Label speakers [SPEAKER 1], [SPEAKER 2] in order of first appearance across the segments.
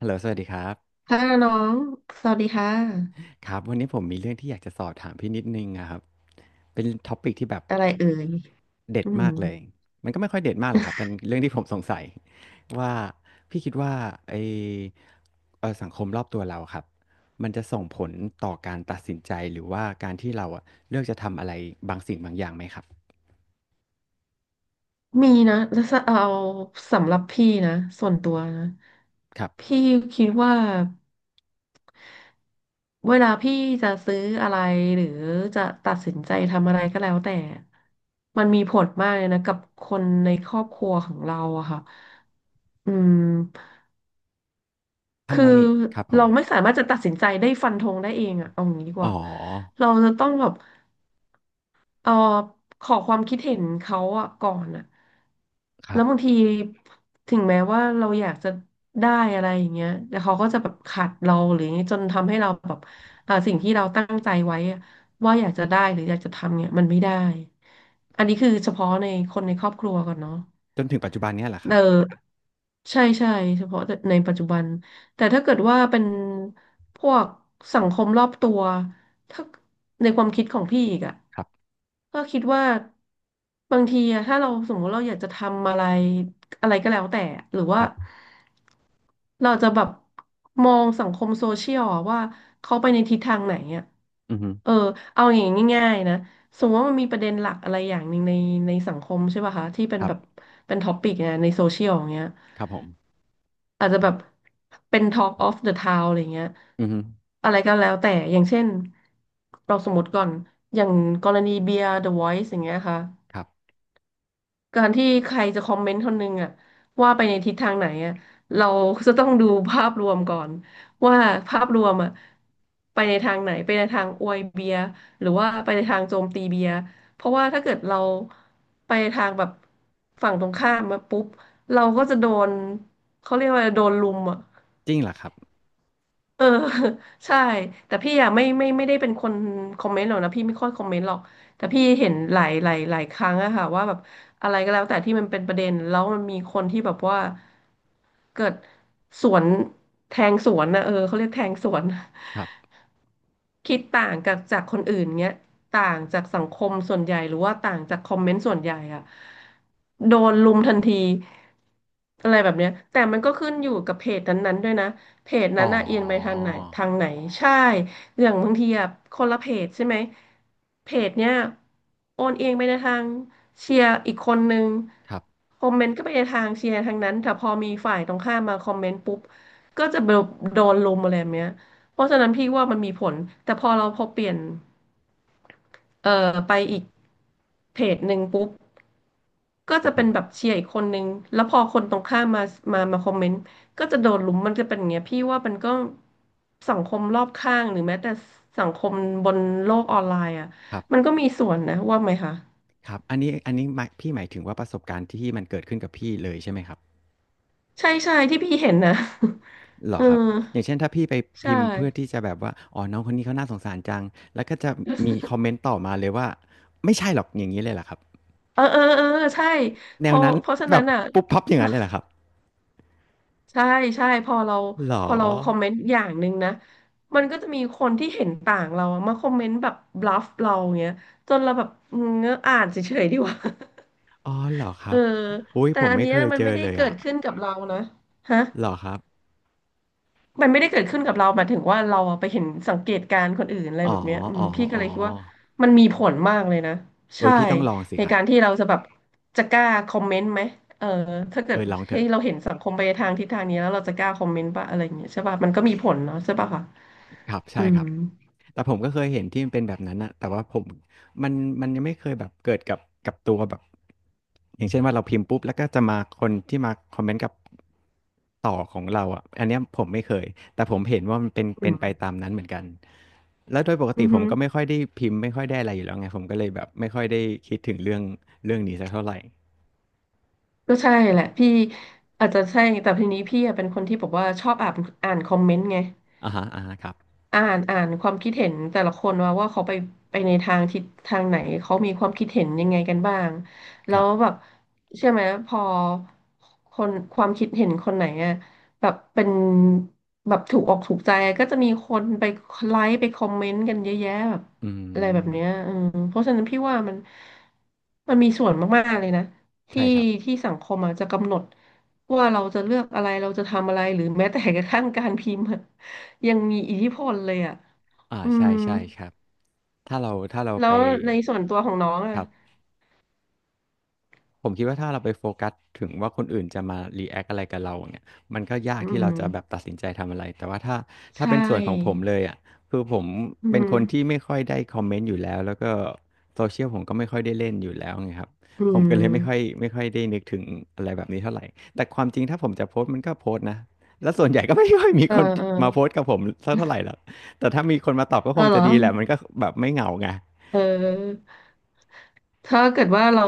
[SPEAKER 1] ฮัลโหลสวัสดีครับ
[SPEAKER 2] ค่ะน้องสวัสดีค่ะ
[SPEAKER 1] ครับวันนี้ผมมีเรื่องที่อยากจะสอบถามพี่นิดนึงอะครับเป็นท็อปิกที่แบบ
[SPEAKER 2] อะไรเอ่ย
[SPEAKER 1] เด็ด
[SPEAKER 2] อื
[SPEAKER 1] มา
[SPEAKER 2] ม
[SPEAKER 1] กเลยมันก็ไม่ค่อยเด็ดมากหรอกครับเป็นเรื่องที่ผมสงสัยว่าพี่คิดว่าไอเอ่อสังคมรอบตัวเราครับมันจะส่งผลต่อการตัดสินใจหรือว่าการที่เราอะเลือกจะทำอะไรบางสิ่งบางอย่างไหมครับ
[SPEAKER 2] มีนะแล้วจะเอาสำหรับพี่นะส่วนตัวนะ
[SPEAKER 1] ครับ
[SPEAKER 2] พี่คิดว่าเวลาพี่จะซื้ออะไรหรือจะตัดสินใจทำอะไรก็แล้วแต่มันมีผลมากเลยนะกับคนในครอบครัวของเราอะค่ะอืม
[SPEAKER 1] ทำ
[SPEAKER 2] คือ
[SPEAKER 1] ไมครับผ
[SPEAKER 2] เรา
[SPEAKER 1] ม
[SPEAKER 2] ไม่สามารถจะตัดสินใจได้ฟันธงได้เองอะเอางี้ดีก
[SPEAKER 1] อ๋อ
[SPEAKER 2] ว่าเราจะต้องแบบ เออขอความคิดเห็นเขาอะก่อนอะ
[SPEAKER 1] ครั
[SPEAKER 2] แล้ว
[SPEAKER 1] บ
[SPEAKER 2] บางทีถึงแม้ว่าเราอยากจะได้อะไรอย่างเงี้ยแต่เขาก็จะแบบขัดเราหรืออย่างเงี้ยจนทำให้เราแบบสิ่งที่เราตั้งใจไว้อะว่าอยากจะได้หรืออยากจะทำเนี่ยมันไม่ได้อันนี้คือเฉพาะในคนในครอบครัวก่อนเนาะ
[SPEAKER 1] จนถึงปัจจุบันเนี้ยแหละค
[SPEAKER 2] เอ
[SPEAKER 1] รับ
[SPEAKER 2] อใช่ใช่เฉพาะในปัจจุบันแต่ถ้าเกิดว่าเป็นพวกสังคมรอบตัวถ้าในความคิดของพี่อีกอะ
[SPEAKER 1] ครับ
[SPEAKER 2] ก็คิดว่าบางทีอะถ้าเราสมมติเราอยากจะทำอะไรอะไรก็แล้วแต่หรือว่า
[SPEAKER 1] ครับ
[SPEAKER 2] เราจะแบบมองสังคมโซเชียลอะว่าเขาไปในทิศทางไหนอะ
[SPEAKER 1] อือฮึ
[SPEAKER 2] เออเอาอย่างง่ายๆนะ สมมติว่ามันมีประเด็นหลักอะไรอย่างหนึ่งในสังคมใช่ป่ะคะที่เป็น
[SPEAKER 1] ครั
[SPEAKER 2] แบบ
[SPEAKER 1] บ
[SPEAKER 2] เป็นท็อปิกเนี่ยในโซเชียลอย่างเงี้ย
[SPEAKER 1] ครับผม
[SPEAKER 2] อาจจะแบบเป็น Talk of the Town อะไรเงี้ย
[SPEAKER 1] อือฮึ
[SPEAKER 2] อะไรก็แล้วแต่อย่างเช่นเราสมมติก่อนอย่างกรณีเบียร์ The Voice อย่างเงี้ยค่ะ
[SPEAKER 1] ครับ
[SPEAKER 2] การที่ใครจะคอมเมนต์คนหนึงอะว่าไปในทิศทางไหนอะเราจะต้องดูภาพรวมก่อนว่าภาพรวมอะไปในทางไหนไปในทางอวยเบียร์หรือว่าไปในทางโจมตีเบียร์เพราะว่าถ้าเกิดเราไปในทางแบบฝั่งตรงข้ามมาปุ๊บเราก็จะโดนเขาเรียกว่าโดนลุมอะ
[SPEAKER 1] จริงเหรอครับ
[SPEAKER 2] เออ ใช่แต่พี่อะไม่ได้เป็นคนคอมเมนต์หรอกนะพี่ไม่ค่อยคอมเมนต์หรอกแต่พี่เห็นหลายครั้งอะค่ะว่าแบบอะไรก็แล้วแต่ที่มันเป็นประเด็นแล้วมันมีคนที่แบบว่าเกิดสวนแทงสวนนะเออเขาเรียกแทงสวน
[SPEAKER 1] ครับ
[SPEAKER 2] คิดต่างกับจากคนอื่นเงี้ยต่างจากสังคมส่วนใหญ่หรือว่าต่างจากคอมเมนต์ส่วนใหญ่อะโดนลุมทันทีอะไรแบบเนี้ยแต่มันก็ขึ้นอยู่กับเพจนั้นๆด้วยนะเพจ
[SPEAKER 1] อ๋
[SPEAKER 2] นั้นน่ะเอียงไปทาง
[SPEAKER 1] อ
[SPEAKER 2] ไหนใช่อย่างบางทีอะคนละเพจใช่ไหมเพจเนี้ยโอนเอียงไปในทางเชียร์อีกคนนึง
[SPEAKER 1] ครับ
[SPEAKER 2] คอมเมนต์ก็ไปในทางเชียร์ทางนั้นแต่พอมีฝ่ายตรงข้ามมาคอมเมนต์ปุ๊บก็จะโดนลุมอะไรแบบเนี้ย เพราะฉะนั้นพี่ว่ามันมีผลแต่พอเปลี่ยนไปอีกเพจหนึ่งปุ๊บ ก็
[SPEAKER 1] ครั
[SPEAKER 2] จะ
[SPEAKER 1] บผ
[SPEAKER 2] เป็นแบบ
[SPEAKER 1] ม
[SPEAKER 2] เชียร์อีกคนนึงแล้วพอคนตรงข้ามมาคอมเมนต์ก็จะโดนลุมมันจะเป็นอย่างเงี้ยพี่ว่ามันก็สังคมรอบข้างหรือแม้แต่สังคมบนโลกออนไลน์อ่ะ
[SPEAKER 1] ครั
[SPEAKER 2] มัน
[SPEAKER 1] บ
[SPEAKER 2] ก็มีส่วนนะว่าไหมคะ
[SPEAKER 1] ครับ อันนี้ อันนี้หมายพี่หมายถึงว่าประสบการณ์ที่มันเกิดขึ้นกับพี่เลยใช่ไหมครับ
[SPEAKER 2] ใช่ใช่ที่พี่เห็นนะ
[SPEAKER 1] เหร
[SPEAKER 2] เอ
[SPEAKER 1] อ
[SPEAKER 2] อ
[SPEAKER 1] ครับ อย่างเช่นถ้าพี่ไป
[SPEAKER 2] ใช่
[SPEAKER 1] พิมพ์เพื่อที่จะแบบว่าอ๋อน้องคนนี้เขาน่าสงสารจังแล้วก็จะมีคอมเมนต์ต่อมาเลยว่า ไม่ใช่หรอกอย่างนี้เลยเหรอครับ
[SPEAKER 2] เออเออเออใช่
[SPEAKER 1] แน
[SPEAKER 2] เพ
[SPEAKER 1] ว
[SPEAKER 2] ราะ
[SPEAKER 1] นั้น
[SPEAKER 2] ฉะ
[SPEAKER 1] แบ
[SPEAKER 2] นั้
[SPEAKER 1] บ
[SPEAKER 2] นอ่ะ
[SPEAKER 1] ปุ๊บปั๊บอย่างนั้นเลยเหรอครับ
[SPEAKER 2] ใช่ใช่
[SPEAKER 1] เหรอ
[SPEAKER 2] พอเราคอมเมนต์อย่างหนึ่งนะมันก็จะมีคนที่เห็นต่างเราอะมาคอมเมนต์แบบบลัฟเราเงี้ยจนเราแบบอืมงั้นอ่านเฉยๆดีกว่า
[SPEAKER 1] อ๋อเหรอค
[SPEAKER 2] เอ
[SPEAKER 1] รั
[SPEAKER 2] อ
[SPEAKER 1] บอุ้ย
[SPEAKER 2] แต่
[SPEAKER 1] ผม
[SPEAKER 2] อัน
[SPEAKER 1] ไม่
[SPEAKER 2] เนี้
[SPEAKER 1] เค
[SPEAKER 2] ย
[SPEAKER 1] ย
[SPEAKER 2] มัน
[SPEAKER 1] เจ
[SPEAKER 2] ไม่
[SPEAKER 1] อ
[SPEAKER 2] ได้
[SPEAKER 1] เลย
[SPEAKER 2] เกิ
[SPEAKER 1] อ่ะ
[SPEAKER 2] ดขึ้นกับเรานะฮะ
[SPEAKER 1] เหรอครับ
[SPEAKER 2] มันไม่ได้เกิดขึ้นกับเราหมายถึงว่าเราอะไปเห็นสังเกตการณ์คนอื่นอะไร
[SPEAKER 1] อ๋อ
[SPEAKER 2] แบบเนี้ยอื
[SPEAKER 1] อ๋
[SPEAKER 2] ม
[SPEAKER 1] อ
[SPEAKER 2] พี่ก็
[SPEAKER 1] อ๋อ
[SPEAKER 2] เลยคิดว่ามันมีผลมากเลยนะ
[SPEAKER 1] เอ้
[SPEAKER 2] ใช่
[SPEAKER 1] ยพี่ต้องลองสิ
[SPEAKER 2] ใน
[SPEAKER 1] ครับ
[SPEAKER 2] การที่เราจะแบบจะกล้าคอมเมนต์ไหมเออถ้าเกิ
[SPEAKER 1] เออ
[SPEAKER 2] ด
[SPEAKER 1] ลองเถ
[SPEAKER 2] ให้
[SPEAKER 1] อะ
[SPEAKER 2] เราเห็นสังคมไปทางทิศทางนี้แล้วเราจะกล้าคอมเมนต์ปะอะไรอย่างเงี้ยใช่ป่ะมันก็มีผลเนาะใช่ป่ะคะ
[SPEAKER 1] ครับ
[SPEAKER 2] อื
[SPEAKER 1] ใช่ค
[SPEAKER 2] ม
[SPEAKER 1] รับแต่ผมก็เคยเห็นที่มันเป็นแบบนั้นนะแต่ว่าผมมันมันยังไม่เคยแบบเกิดกับกับตัวแบบอย่างเช่นว่าเราพิมพ์ปุ๊บแล้วก็จะมาคนที่มาคอมเมนต์กับต่อของเราอ่ะอันเนี้ยผมไม่เคยแต่ผมเห็นว่ามันเป็น
[SPEAKER 2] อื
[SPEAKER 1] เป็นไป
[SPEAKER 2] ม
[SPEAKER 1] ตามนั้นเหมือนกันแล้วโดยปก
[SPEAKER 2] อื
[SPEAKER 1] ติ
[SPEAKER 2] อ
[SPEAKER 1] ผ
[SPEAKER 2] ฮึ
[SPEAKER 1] มก็ไม่ค่อยได้พิมพ์ไม่ค่อยได้อะไรอยู่แล้วไงผมก็เลยแบบไม่ค่อยได้คิดถึงเรื่องเรื่องนี้สักเท่าไหร่
[SPEAKER 2] ก็ใช่แหละพี่อาจจะใช่แต่ทีนี้พี่อะเป็นคนที่บอกว่าชอบอ่านคอมเมนต์ไง
[SPEAKER 1] อ่าฮะอ่าฮะครับ
[SPEAKER 2] อ่านความคิดเห็นแต่ละคนว่าเขาไปในทางทิศทางไหนเขามีความคิดเห็นยังไงกันบ้างแล้
[SPEAKER 1] ครั
[SPEAKER 2] ว
[SPEAKER 1] บ
[SPEAKER 2] แบบเชื่อไหมพอคนความคิดเห็นคนไหนอะแบบเป็นแบบถูกอกถูกใจก็จะมีคนไลค์ไปคอมเมนต์กันเยอะแยะแบบ
[SPEAKER 1] อื
[SPEAKER 2] อะไรแบ
[SPEAKER 1] ม
[SPEAKER 2] บเนี้ยอืมเพราะฉะนั้นพี่ว่ามันมีส่วนมากๆเลยนะที่
[SPEAKER 1] ใช่ครับ
[SPEAKER 2] สังคมอะจจะกำหนดว่าเราจะเลือกอะไรเราจะทำอะไรหรือแม้แต่กระทั่งการพิมพ์อะ ยังมีอิทธิพลเลยอ่ะ
[SPEAKER 1] อ่า
[SPEAKER 2] อื
[SPEAKER 1] ใช่
[SPEAKER 2] ม
[SPEAKER 1] ใช่ครับถ้าเราถ้าเรา
[SPEAKER 2] แล้
[SPEAKER 1] ไป
[SPEAKER 2] วในส่วนตัวของน้อง
[SPEAKER 1] ค
[SPEAKER 2] อ่ะ
[SPEAKER 1] รับ ผมคิดว่าถ้าเราไปโฟกัสถึงว่าคนอื่นจะมารีแอคอะไรกับเราเนี่ยมันก็ยาก
[SPEAKER 2] อื
[SPEAKER 1] ที่เรา
[SPEAKER 2] ม
[SPEAKER 1] จะแบบตัดสินใจทำอะไรแต่ว่าถ้า
[SPEAKER 2] ใช
[SPEAKER 1] ถ้าเป็นส่วนของผม
[SPEAKER 2] ่
[SPEAKER 1] เลยอ่ะคือผม
[SPEAKER 2] อื
[SPEAKER 1] เป็นคนที่
[SPEAKER 2] ม
[SPEAKER 1] ไม่ค่อยได้คอมเมนต์อยู่แล้วแล้วก็โซเชียลผมก็ไม่ค่อยได้เล่นอยู่แล้วไงครับ
[SPEAKER 2] อื
[SPEAKER 1] ผม
[SPEAKER 2] ม
[SPEAKER 1] ก็เลยไม่ค่อยได้นึกถึงอะไรแบบนี้เท่าไหร่แต่ความจริงถ้าผมจะโพสต์มันก็โพสต์นะแล้วส่วนใหญ่ก็ไม่ค่อยมี
[SPEAKER 2] เออ
[SPEAKER 1] คน
[SPEAKER 2] เออ
[SPEAKER 1] มาโพสต์กับผมสักเท่าไหร่หรอกแต่ถ้ามีคนมาตอบก็
[SPEAKER 2] เอ
[SPEAKER 1] ค
[SPEAKER 2] อ
[SPEAKER 1] ง
[SPEAKER 2] เหร
[SPEAKER 1] จะ
[SPEAKER 2] อ
[SPEAKER 1] ดีแหละมันก็แบบไม่เหงาไง
[SPEAKER 2] เออถ้าเกิดว่าเรา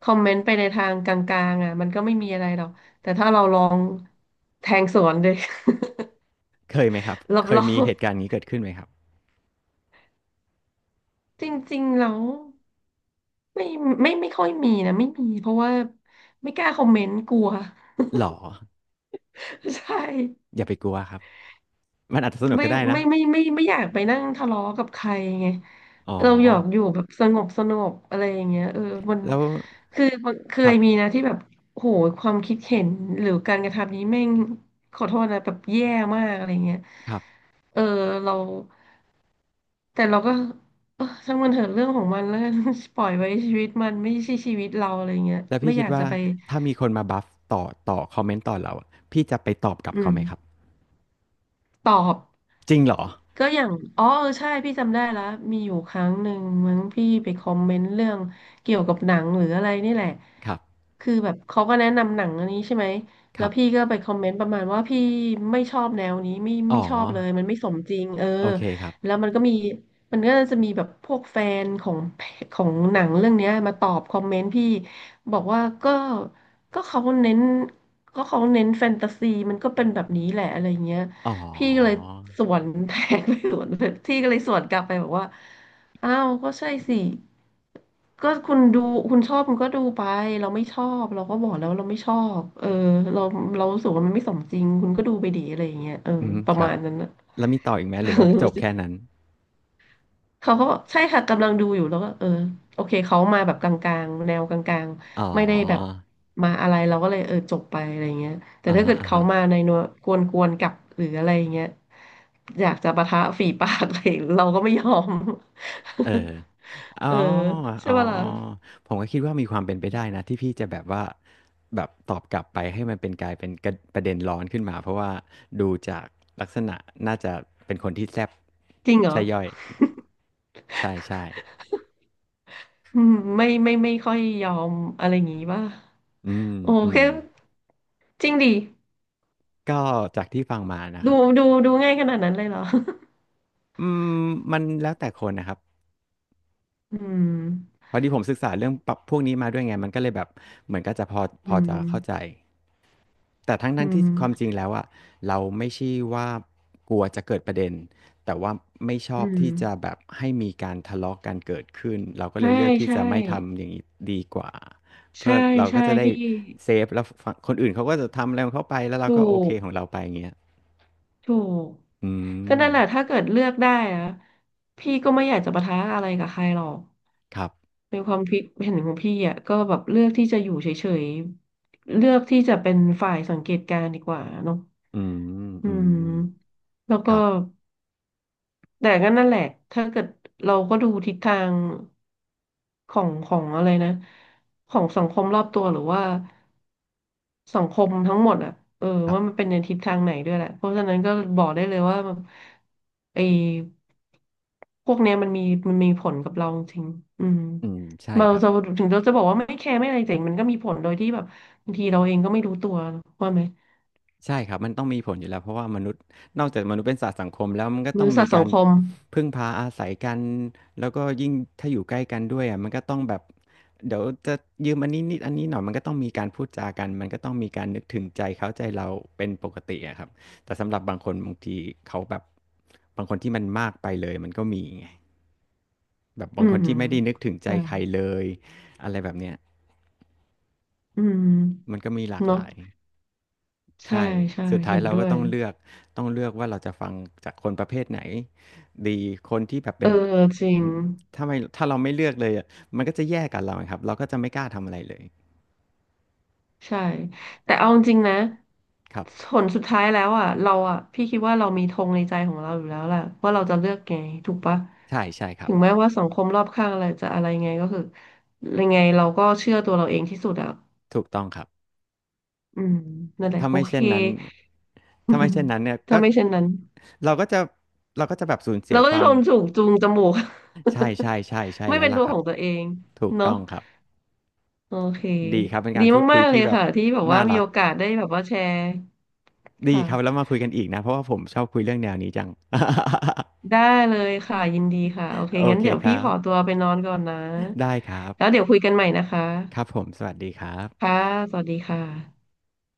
[SPEAKER 2] คอมเมนต์ไปในทางกลางๆอ่ะมันก็ไม่มีอะไรหรอกแต่ถ้าเราลองแทงสวนเลย
[SPEAKER 1] เคยไหมครับ
[SPEAKER 2] รับ
[SPEAKER 1] เค
[SPEAKER 2] ร
[SPEAKER 1] ย
[SPEAKER 2] อ
[SPEAKER 1] มี
[SPEAKER 2] ง
[SPEAKER 1] เหตุการณ์นี้เกิดขึ้นไหมครับ
[SPEAKER 2] จริงๆแล้วไม่ไม่ค่อยมีนะไม่มีเพราะว่าไม่กล้าคอมเมนต์กลัว
[SPEAKER 1] หรอ
[SPEAKER 2] ใช่
[SPEAKER 1] อย่าไปกลัวครับ มันอาจจะสนุก
[SPEAKER 2] ไม่
[SPEAKER 1] ก็ได้นะ
[SPEAKER 2] ไม่ไม่อยากไปนั่งทะเลาะกับใครไง
[SPEAKER 1] อ๋อ
[SPEAKER 2] เราอยากอยู่แบบสงบสงบอะไรอย่างเงี้ยเออมัน
[SPEAKER 1] แล้ว
[SPEAKER 2] คือมันเค
[SPEAKER 1] ครั
[SPEAKER 2] ยมี
[SPEAKER 1] บ
[SPEAKER 2] นะที่แบบโหความคิดเห็นหรือการกระทำนี้แม่งขอโทษนะแบบแย่มากอะไรเงี้ย
[SPEAKER 1] ครับ
[SPEAKER 2] เออเราแต่เราก็เออช่างมันเถอะเรื่องของมันแล้วกัน ปล่อยไว้ชีวิตมันไม่ใช่ชีวิตเราอะไรเงี้ย
[SPEAKER 1] แล้วพี่
[SPEAKER 2] ไม่อ
[SPEAKER 1] คิด
[SPEAKER 2] ยาก
[SPEAKER 1] ว่า
[SPEAKER 2] จะไป
[SPEAKER 1] ถ้ามีคนมาบัฟต่อต่อคอมเมนต์ต่อเราอะพี่จะไปตอบกลับ
[SPEAKER 2] อื
[SPEAKER 1] เขา
[SPEAKER 2] ม
[SPEAKER 1] ไหมครับ
[SPEAKER 2] ตอบ
[SPEAKER 1] จริงเหรอ
[SPEAKER 2] ก็อย่างอ๋อเออใช่พี่จำได้แล้วมีอยู่ครั้งหนึ่งมั้งพี่ไปคอมเมนต์เรื่องเกี่ยวกับหนังหรืออะไรนี่แหละ
[SPEAKER 1] ครับ
[SPEAKER 2] คือแบบเขาก็แนะนำหนังอันนี้ใช่ไหม
[SPEAKER 1] ค
[SPEAKER 2] แล้
[SPEAKER 1] รั
[SPEAKER 2] ว
[SPEAKER 1] บ
[SPEAKER 2] พี่ก็ไปคอมเมนต์ประมาณว่าพี่ไม่ชอบแนวนี้ไม่
[SPEAKER 1] อ๋อ
[SPEAKER 2] ชอบเลยมันไม่สมจริงเออ
[SPEAKER 1] โอเคครับ
[SPEAKER 2] แล้วมันก็จะมีแบบพวกแฟนของของหนังเรื่องเนี้ยมาตอบคอมเมนต์พี่บอกว่าก็เขาเน้นก็เขาเน้นแฟนตาซีมันก็เป็นแบบนี้แหละอะไรเงี้ย
[SPEAKER 1] อ๋อ
[SPEAKER 2] พี่ก็เลยสวนแทงไปสวนเลยพี่ก็เลยสวนกลับไปบอกว่า อ้าว ก็ใช่สิ ก็คุณดูคุณชอบคุณก็ดูไปเราไม่ชอบเราก็บอกแล้วเราไม่ชอบ เออ เราเรารู้สึกว่ามันไม่สมจริงคุณก็ดูไปดีอะไรอย่างเงี้ยเออ
[SPEAKER 1] อืม
[SPEAKER 2] ประ
[SPEAKER 1] ครับ
[SPEAKER 2] มาณนั้นนะ
[SPEAKER 1] แล้วมีต่ออีกไหมหรือว่าจบแค่ นั้น
[SPEAKER 2] เขาก็บใช่ค่ะกำลังดูอยู่แล้วก็เออโอเคเขามาแบบกลางๆแนวกลาง
[SPEAKER 1] อ๋อ
[SPEAKER 2] ๆไม่ได้แบบมาอะไรเราก็เลยเออจบไปอะไรเงี้ยแต่
[SPEAKER 1] อ่า
[SPEAKER 2] ถ้า
[SPEAKER 1] ฮะ
[SPEAKER 2] เกิด
[SPEAKER 1] อ่า
[SPEAKER 2] เขา
[SPEAKER 1] ฮะ
[SPEAKER 2] มาในนัวกวนๆกลับหรืออะไรเงี้ยอยากจะปะทะฝีปากอะไรเราก็ไม่ยอม
[SPEAKER 1] เออ
[SPEAKER 2] เอ
[SPEAKER 1] อ๋
[SPEAKER 2] อ
[SPEAKER 1] อ
[SPEAKER 2] ใช่
[SPEAKER 1] อ๋อ
[SPEAKER 2] ปะล่ะ
[SPEAKER 1] ผมก็คิดว่ามีความเป็นไปได้นะที่พี่จะแบบว่าแบบตอบกลับไปให้มันเป็นกลายเป็นกระประเด็นร้อนขึ้นมาเพราะว่าดูจากลักษณะน่าจะเป็นคนที่แซ่บ
[SPEAKER 2] จริงเหรอ
[SPEAKER 1] ใช่ย่อยใช่ใช่
[SPEAKER 2] อืมไม่ไม่ค่อยยอมอะไรอย่างงี้ป่ะ
[SPEAKER 1] อืม
[SPEAKER 2] โอ
[SPEAKER 1] อื
[SPEAKER 2] เค
[SPEAKER 1] ม
[SPEAKER 2] จริงดิ
[SPEAKER 1] ก็จากที่ฟังมานะค
[SPEAKER 2] ดู
[SPEAKER 1] รับ
[SPEAKER 2] ดูง่ายขนาดนั้นเลยเหรอ
[SPEAKER 1] อืมมันแล้วแต่คนนะครับ
[SPEAKER 2] อืม
[SPEAKER 1] พอดีผมศึกษาเรื่องปรับพวกนี้มาด้วยไงมันก็เลยแบบเหมือนก็จะพอพ
[SPEAKER 2] อื
[SPEAKER 1] อจะเข้าใจ
[SPEAKER 2] ม
[SPEAKER 1] แต่ทั้ง
[SPEAKER 2] อื
[SPEAKER 1] ทั้งที่
[SPEAKER 2] ม
[SPEAKER 1] ความจริงแล้วอะเราไม่ใช่ว่ากลัวจะเกิดประเด็นแต่ว่าไม่ชอ
[SPEAKER 2] อื
[SPEAKER 1] บที่จะแบ
[SPEAKER 2] ม
[SPEAKER 1] บให้มีการทะเลาะกันเกิดขึ้นเราก็เล
[SPEAKER 2] ใช่
[SPEAKER 1] ยเลือกที่
[SPEAKER 2] ใช่
[SPEAKER 1] จะไม่ทำอย่างนี้ดีกว่าเพื่
[SPEAKER 2] ใช่
[SPEAKER 1] อเราก็จะได้
[SPEAKER 2] พี่
[SPEAKER 1] เซฟแล้วฟคนอื่นเขาก็จะทำอะไรของเขาไปแล้วเรา
[SPEAKER 2] ถู
[SPEAKER 1] ก็โอเค
[SPEAKER 2] ก
[SPEAKER 1] ของเราไปอย่างเงี้ย
[SPEAKER 2] ถูก
[SPEAKER 1] อื
[SPEAKER 2] ก็นั่นแหละ
[SPEAKER 1] ม
[SPEAKER 2] ถ้าเกิดเลือกได้อะพี่ก็ไม่อยากจะปะทะอะไรกับใครหรอก
[SPEAKER 1] ครับ
[SPEAKER 2] ในความคิดเห็นของพี่อ่ะก็แบบเลือกที่จะอยู่เฉยๆเลือกที่จะเป็นฝ่ายสังเกตการณ์ดีกว่าเนาะ
[SPEAKER 1] อื
[SPEAKER 2] อืม
[SPEAKER 1] ม
[SPEAKER 2] แล้ว
[SPEAKER 1] ๆค
[SPEAKER 2] ก็
[SPEAKER 1] รับ
[SPEAKER 2] แต่ก็นั่นแหละถ้าเกิดเราก็ดูทิศทางของของอะไรนะของสังคมรอบตัวหรือว่า สังคมทั้งหมดอ่ะเออ
[SPEAKER 1] ครั
[SPEAKER 2] ว่ามัน
[SPEAKER 1] บ
[SPEAKER 2] เป็นในทิศทางไหนด้วยแหละเพราะฉะนั้นก็บอกได้เลยว่าแบบไอ้พวกเนี้ยมันมีผลกับเราจริงๆอืม
[SPEAKER 1] อืมใช่ค
[SPEAKER 2] เรา
[SPEAKER 1] รับ
[SPEAKER 2] จะถึงเราจะบอกว่าไม่แคร์ไม่อะไรแต่มันก็มีผลโดยที่แบบบางทีเราเองก็ไม่รู้ตัวว่าไหม
[SPEAKER 1] ใช่ครับมันต้องมีผลอยู่แล้วเพราะว่ามนุษย์นอกจากมนุษย์เป็นสัตว์สังคมแล้วมันก็
[SPEAKER 2] บ
[SPEAKER 1] ต้อง
[SPEAKER 2] ริษั
[SPEAKER 1] มี
[SPEAKER 2] ทสั
[SPEAKER 1] กา
[SPEAKER 2] ง
[SPEAKER 1] ร
[SPEAKER 2] คม
[SPEAKER 1] พึ่งพาอาศัยกันแล้วก็ยิ่งถ้าอยู่ใกล้กันด้วยอ่ะมันก็ต้องแบบเดี๋ยวจะยืมอันนี้นิดอันนี้หน่อยมันก็ต้องมีการพูดจากันมันก็ต้องมีการนึกถึงใจเขาใจเราเป็นปกติอะครับแต่สำหรับบางคนบางทีเขาแบบบางคนที่มันมากไปเลยมันก็มีไงแบบ
[SPEAKER 2] อื
[SPEAKER 1] บางค
[SPEAKER 2] ม
[SPEAKER 1] นที่ไม่ได้นึกถึงใจใคร
[SPEAKER 2] ใช่
[SPEAKER 1] เลยอะไรแบบเนี้ย
[SPEAKER 2] อืม
[SPEAKER 1] มันก็มีหลากห
[SPEAKER 2] เนาะ
[SPEAKER 1] ลาย
[SPEAKER 2] ใช่
[SPEAKER 1] ใช่
[SPEAKER 2] ใช่
[SPEAKER 1] สุดท้า
[SPEAKER 2] เห็
[SPEAKER 1] ย
[SPEAKER 2] น
[SPEAKER 1] เรา
[SPEAKER 2] ด้
[SPEAKER 1] ก็
[SPEAKER 2] วย
[SPEAKER 1] ต้องเลือกต้องเลือกว่าเราจะฟังจากคนประเภทไหนดีคนที่แบบเป็
[SPEAKER 2] เอ
[SPEAKER 1] น
[SPEAKER 2] อจริง
[SPEAKER 1] อืมถ้าเราไม่เลือกเลยอะมันก็จะแย่กับเราครับเราก็จะไม่กล้าทำอะไรเลย
[SPEAKER 2] ใช่แต่เอาจริงๆนะ
[SPEAKER 1] ครับ
[SPEAKER 2] ผลสุดท้ายแล้วอ่ะเราอ่ะพี่คิดว่าเรามีธงในใจของเราอยู่แล้วแหละว่าเราจะเลือกไงถูกปะ
[SPEAKER 1] ใช่ใช่ครั
[SPEAKER 2] ถึ
[SPEAKER 1] บ
[SPEAKER 2] งแม้ว่าสังคมรอบข้างอะไรจะอะไรไงก็คือยังไงเราก็เชื่อตัวเราเองที่สุดอ่ะ
[SPEAKER 1] ถูกต้องครับ
[SPEAKER 2] อืมนั่นแหละ
[SPEAKER 1] ถ้า
[SPEAKER 2] โอ
[SPEAKER 1] ไม่
[SPEAKER 2] เค
[SPEAKER 1] เช่นนั้นถ้าไม่เช่นนั้นเนี่ย
[SPEAKER 2] ถ้า
[SPEAKER 1] ก็
[SPEAKER 2] ไม่เช่นนั้น
[SPEAKER 1] เราก็จะเราก็จะแบบสูญเสี
[SPEAKER 2] เรา
[SPEAKER 1] ย
[SPEAKER 2] ก็
[SPEAKER 1] ค
[SPEAKER 2] จะ
[SPEAKER 1] วาม
[SPEAKER 2] โดนจูงจมูก
[SPEAKER 1] ใช่ใช่ใช่ใช่
[SPEAKER 2] ไม่
[SPEAKER 1] แล้ว
[SPEAKER 2] เป็น
[SPEAKER 1] ล่ะ
[SPEAKER 2] ตัว
[SPEAKER 1] ค
[SPEAKER 2] ข
[SPEAKER 1] รับ
[SPEAKER 2] องตัวเอง
[SPEAKER 1] ถูกต้
[SPEAKER 2] เนาะ
[SPEAKER 1] องครับ
[SPEAKER 2] โอเค
[SPEAKER 1] ดีครับเป็นกา
[SPEAKER 2] ดี
[SPEAKER 1] รพูดคุ
[SPEAKER 2] มา
[SPEAKER 1] ย
[SPEAKER 2] กๆเล
[SPEAKER 1] ที่
[SPEAKER 2] ย
[SPEAKER 1] แบบ
[SPEAKER 2] ค่ะที่แบบว่า
[SPEAKER 1] น่า
[SPEAKER 2] มี
[SPEAKER 1] รัก
[SPEAKER 2] โอกาสได้แบบว่าแชร์
[SPEAKER 1] ดี
[SPEAKER 2] ค่ะ
[SPEAKER 1] ครับแล้วมาคุยกันอีกนะเพราะว่าผมชอบคุยเรื่องแนวนี้จัง
[SPEAKER 2] ได้เลยค่ะยินดีค่ะโอเค
[SPEAKER 1] โอ
[SPEAKER 2] งั้น
[SPEAKER 1] เค
[SPEAKER 2] เดี๋ยว
[SPEAKER 1] ค
[SPEAKER 2] พี่
[SPEAKER 1] รั
[SPEAKER 2] ขอตั
[SPEAKER 1] บ
[SPEAKER 2] วไปนอนก่อนนะ
[SPEAKER 1] ได้ครับ
[SPEAKER 2] แล้วเดี๋ยวคุยกันใหม่นะคะ
[SPEAKER 1] ครับผม สวัสดีครับ
[SPEAKER 2] ค่ะสวัสดีค่ะ